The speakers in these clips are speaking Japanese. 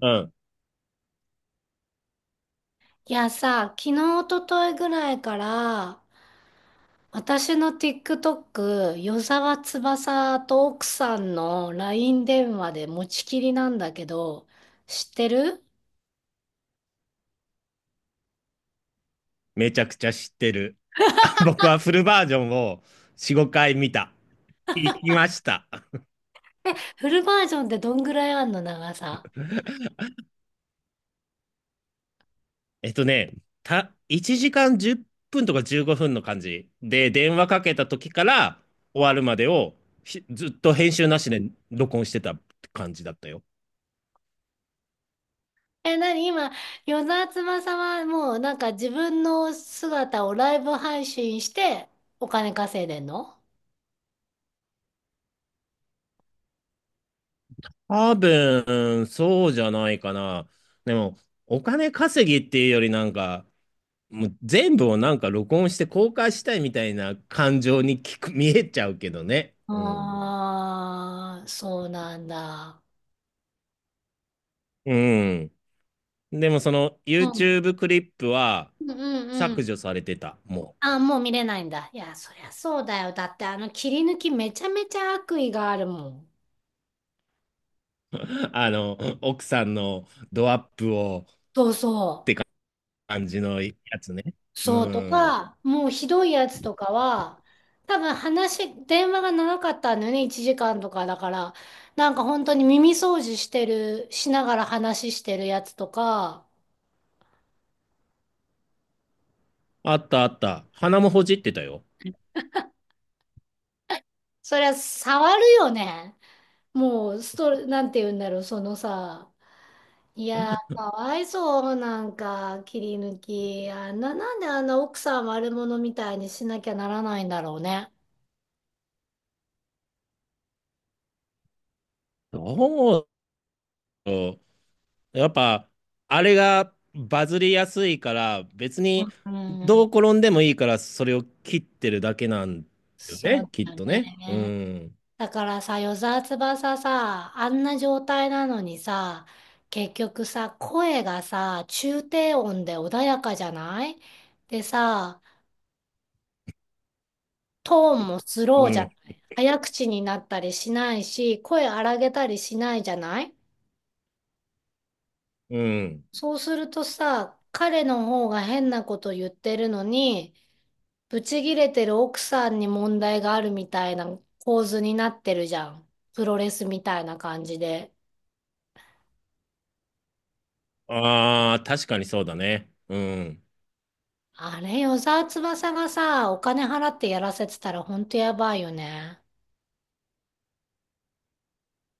うん。いやさ、昨日、おとといぐらいから、私の TikTok、与沢翼と奥さんの LINE 電話で持ちきりなんだけど、知ってる。めちゃくちゃ知ってる。僕はフルバージョンを4、5回見た。行きました。フルバージョンってどんぐらいあんの長さ。えっとね、1時間10分とか15分の感じで、電話かけた時から終わるまでをひずっと編集なしで録音してた感じだったよ。え、なに今、与沢翼はなんか自分の姿をライブ配信してお金稼いでんの。多分、そうじゃないかな。でも、お金稼ぎっていうよりなんか、もう全部をなんか録音して公開したいみたいな感情に見えちゃうけどね。うん。ああー、そうなんだ。うん。でもその うん。YouTube クリップはうんう削ん。除されてた、もああ、もう見れないんだ。いや、そりゃそうだよ。だってあの切り抜きめちゃめちゃ悪意があるもん。う。あの、奥さんのドアップをそうそ感じのやつね。う。うそうとん。か、もうひどいやつとかは、多分話、電話が長かったんだよね。1時間とかだから。なんか本当に耳掃除してる、しながら話してるやつとか、あったあった。鼻もほじってたよ。そりゃ触るよね。もう、なんて言うんだろう、そのさ、いやー、どかわいそう、なんか、切り抜き。あんな、なんであんな奥さん悪者みたいにしなきゃならないんだろうね。うだろうやっぱ、あれがバズりやすいから、別にうどん。う転んでもいいから、それを切ってるだけなんだよそね、うきっだとね。うね。ん。だからさ、与沢翼さ、あんな状態なのにさ、結局さ、声がさ、中低音で穏やかじゃないでさ、トーンもスロうーじん。ゃない、早口になったりしないし、声荒げたりしないじゃない。うん。そうするとさ、彼の方が変なこと言ってるのに、ブチギレてる奥さんに問題があるみたいな構図になってるじゃん。プロレスみたいな感じで。ああ、確かにそうだね。うん。あれ、与沢翼がさ、お金払ってやらせてたらほんとやばいよね。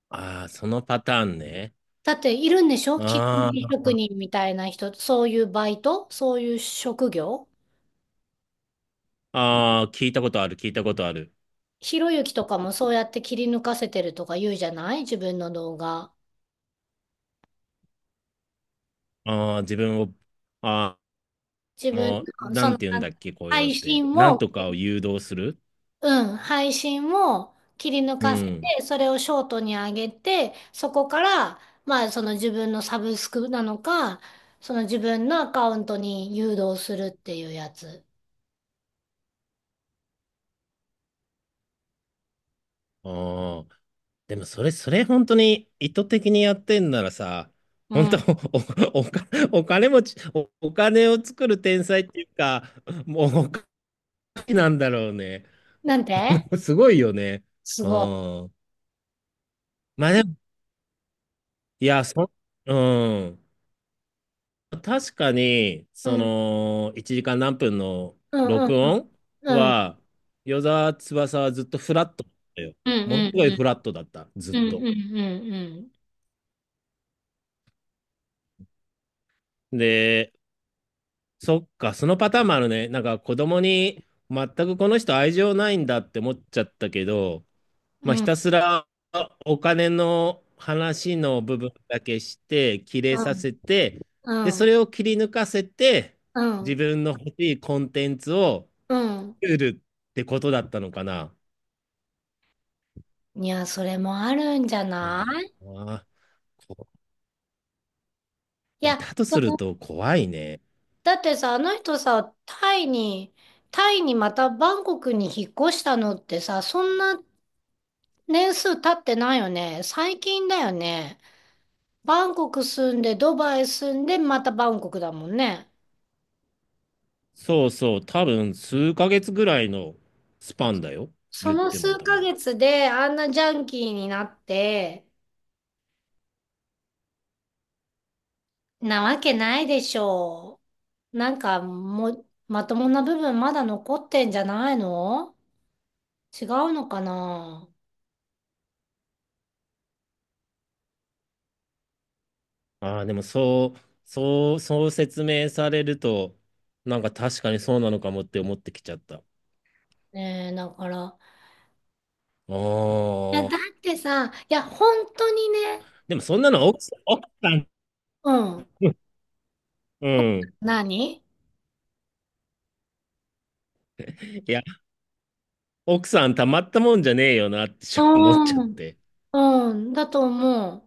ああ、そのパターンね。だっているんでしょ、切り抜あきー職人みたいな人、そういうバイト、そういう職業。あー、聞いたことある、聞いたことある。ひろゆきとかもそうやって切り抜かせてるとか言うじゃない、自分の動画。ああ、自分を、あ自あ、分もう、の、なそんの、て言うんあだのっけ、こういうのっ配て。信なんも、とかを誘導する。うん、配信も切り抜うかせん。て、それをショートに上げて、そこから、まあ、その自分のサブスクなのか、その自分のアカウントに誘導するっていうやつ。ああ、でもそれ本当に意図的にやってんならさ、う本当、ん。お、お、おお金持ち、お金を作る天才っていうか、もうお金なんだろうね。なんて。すごいよね。すうごい。ん。まあでも、いや、うん。確かに、そうん。の、1時間何分のうんうん録うん。音うんは、与沢翼はずっとフラットだったよ。うものすごいんフラットだった、ずっうんうと。ん。うんうんで、そっか、そのパターンもあるね。なんか子供に全くこの人愛情ないんだって思っちゃったけど、うまあ、ひんたすらお金の話の部分だけして、切れうさんせて、うで、んうそんれを切り抜かせて、う自ん。分の欲しいコンテンツを、うん。ルールってことだったのかな。いや、それもあるんじゃあない。あ、こいいや、や、だとすると怖いね。だってさ、あの人さ、タイに、タイにまたバンコクに引っ越したのってさ、そんな年数経ってないよね。最近だよね。バンコク住んで、ドバイ住んで、またバンコクだもんね。そうそう、多分数ヶ月ぐらいのスパンだよ。そ言っのても数多ヶ分。月であんなジャンキーになって、なわけないでしょう。なんかもう、まともな部分まだ残ってんじゃないの。違うのかな。ああ、でもそう、そう、そう説明されると、なんか確かにそうなのかもって思ってきちゃった。あねえ、だから。いや、あ、だってさ、いや、本当にね、でもそんなの奥さん、うん。うん。何。いや、奥さんたまったもんじゃねえよなって思っちゃっうん。て。うん、だと思う。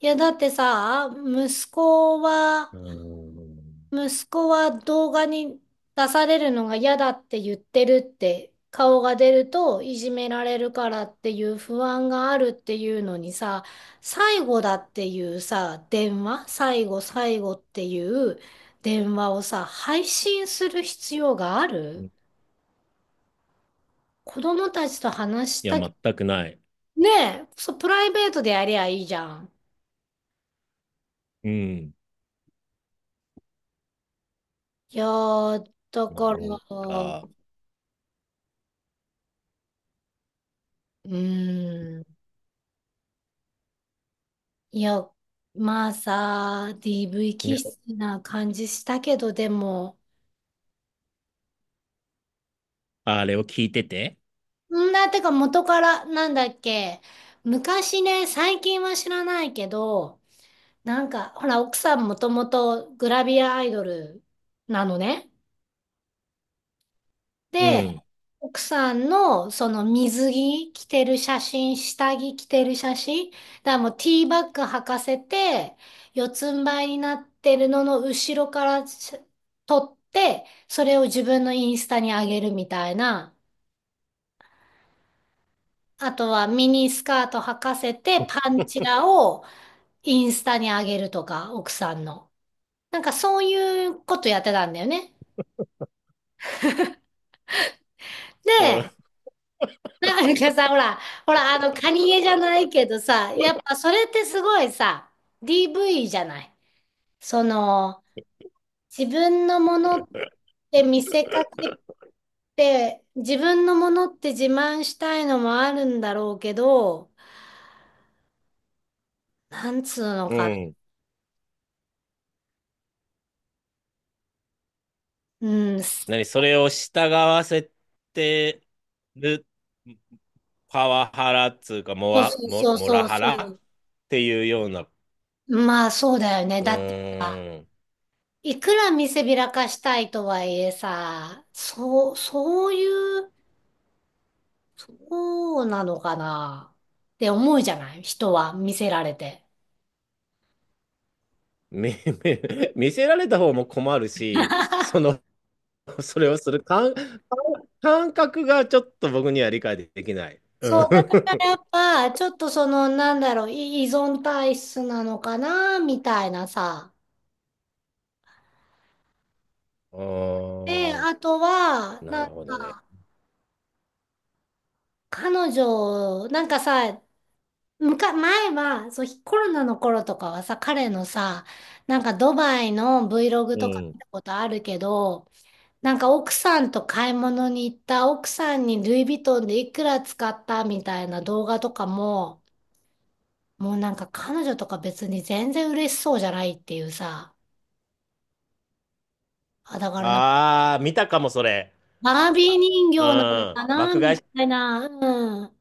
いや、だってさ、息子うは、ん。息子は動画に出されるのが嫌だって言ってるって、顔が出るといじめられるからっていう不安があるっていうのにさ、最後だっていうさ、電話、最後っていう電話をさ、配信する必要がある、子供たちと話しいや、た、全くない。ねえ。そう、プライベートでやりゃいいじゃん。うん。いやー、だかなら、んうか、ーん、いや、まあさ、DV 気ね、質な感じしたけど、でも、あれを聞いてて、んだ、てか元から、なんだっけ、昔ね、最近は知らないけど、なんか、ほら、奥さんもともとグラビアアイドルなのね。うで、ん、奥さんのその水着着てる写真、下着着てる写真、だからもうティーバッグ履かせて、四つん這いになってるのの後ろから撮って、それを自分のインスタに上げるみたいな。あとはミニスカート履かせてパンチラをインスタに上げるとか、奥さんの。なんかそういうことやってたんだよね。うん、で、なんかさ、ほら、あの、カニエじゃないけどさ、やっぱそれってすごいさ、DV じゃない。その、自分のものって見せかけて、自分のものって自慢したいのもあるんだろうけど、なんつうのうか、ん。うん、そ何、それを従わせてるパワハラっつうか、モうワ、そうモ、そうモラそうハラそっていうような、う。まあそうだよね。うだってさ、ーん、いくら見せびらかしたいとはいえさ、そう、そういう、そうなのかなって思うじゃない、人は見せられて。見、見見せられた方も困るし、その、それをする感感覚がちょっと僕には理解できない。うん。そう、だからやっ ぱ、ちょっとその、なんだろう、依存体質なのかなみたいなさ。あで、ーあとは、ななるんほどね。か、彼女、なんかさ、前は、そう、コロナの頃とかはさ、彼のさ、なんかドバイの Vlog うとかん。見たことあるけど、なんか奥さんと買い物に行った、奥さんにルイ・ヴィトンでいくら使ったみたいな動画とかも、もうなんか彼女とか別に全然嬉しそうじゃないっていうさ。あ、だからなんか、ああ、見たかも、それ。バービー人う形なのん。かな爆買いみし、たいな。うん。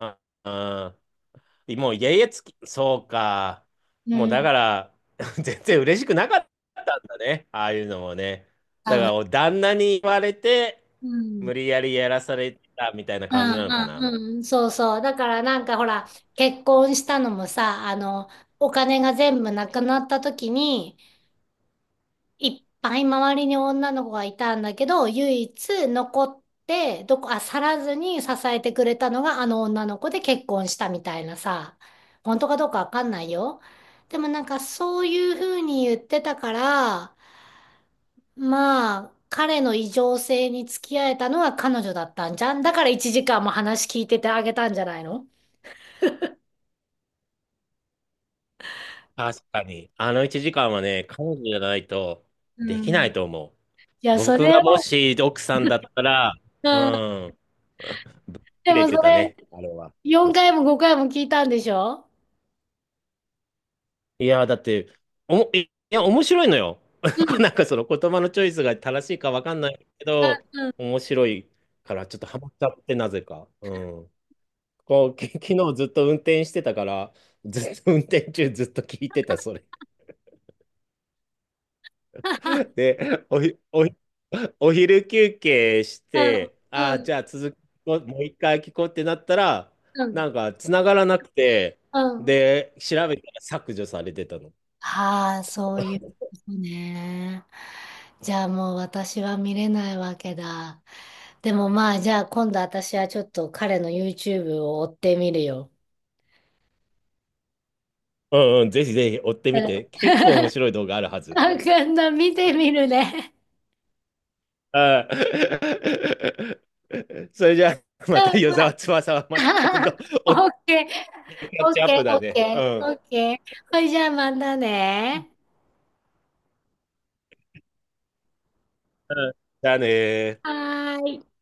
うん。うん。もう家々つき、そうか。うもうだん。から、全然嬉しくなかったんだね。ああいうのもね。多だ分。から、旦那に言われて、うん。無理やりやらされたみたいなう感んじなのかな。うんうん。そうそう。だからなんかほら、結婚したのもさ、あの、お金が全部なくなった時に、いっぱい周りに女の子がいたんだけど、唯一残って、どこ、あ、去らずに支えてくれたのがあの女の子で結婚したみたいなさ、本当かどうかわかんないよ。でもなんかそういうふうに言ってたから、まあ、彼の異常性に付き合えたのは彼女だったんじゃん。だから1時間も話聞いててあげたんじゃないの。確かに。あの1時間はね、彼女じゃないとうできなん。いと思う。いや、そ僕れがもを、し奥さんだったら、ううん。ん。ぶっで切れもてそたれ、ね、あれは。4回も5回も聞いたんでしょ。いやー、だって、いいや、面白いのよ。う ん。なんかその言葉のチョイスが正しいかわかんないけど、うん面白いからちょっとハマっちゃって、なぜか。うん。こう、昨日ずっと運転してたから、ずっと運転中ずっと聞いてた、それ。で、お昼休憩しうん、て、あうあ、ん、じゃあ続き、もう一回聞こうってなったら、うん、なんか繋がらなくて、うん。で、調べたら削除されてたの。はあ、そういうことね。じゃあもう私は見れないわけだ。でもまあ、じゃあ今度私はちょっと彼の YouTube を追ってみるよ。うんうん、ぜひぜひ追ってうみん。て。結構面白い動画あるはず。あ、今度見てみるね。あー それじゃあ、うまたん与ま沢あ 翼はまた今度、オおキッケー、ャッオチッアッケー、プオだッね。うケん。ー、オうッケー。ほいじゃあまたね。ん。じゃあねー。はーい。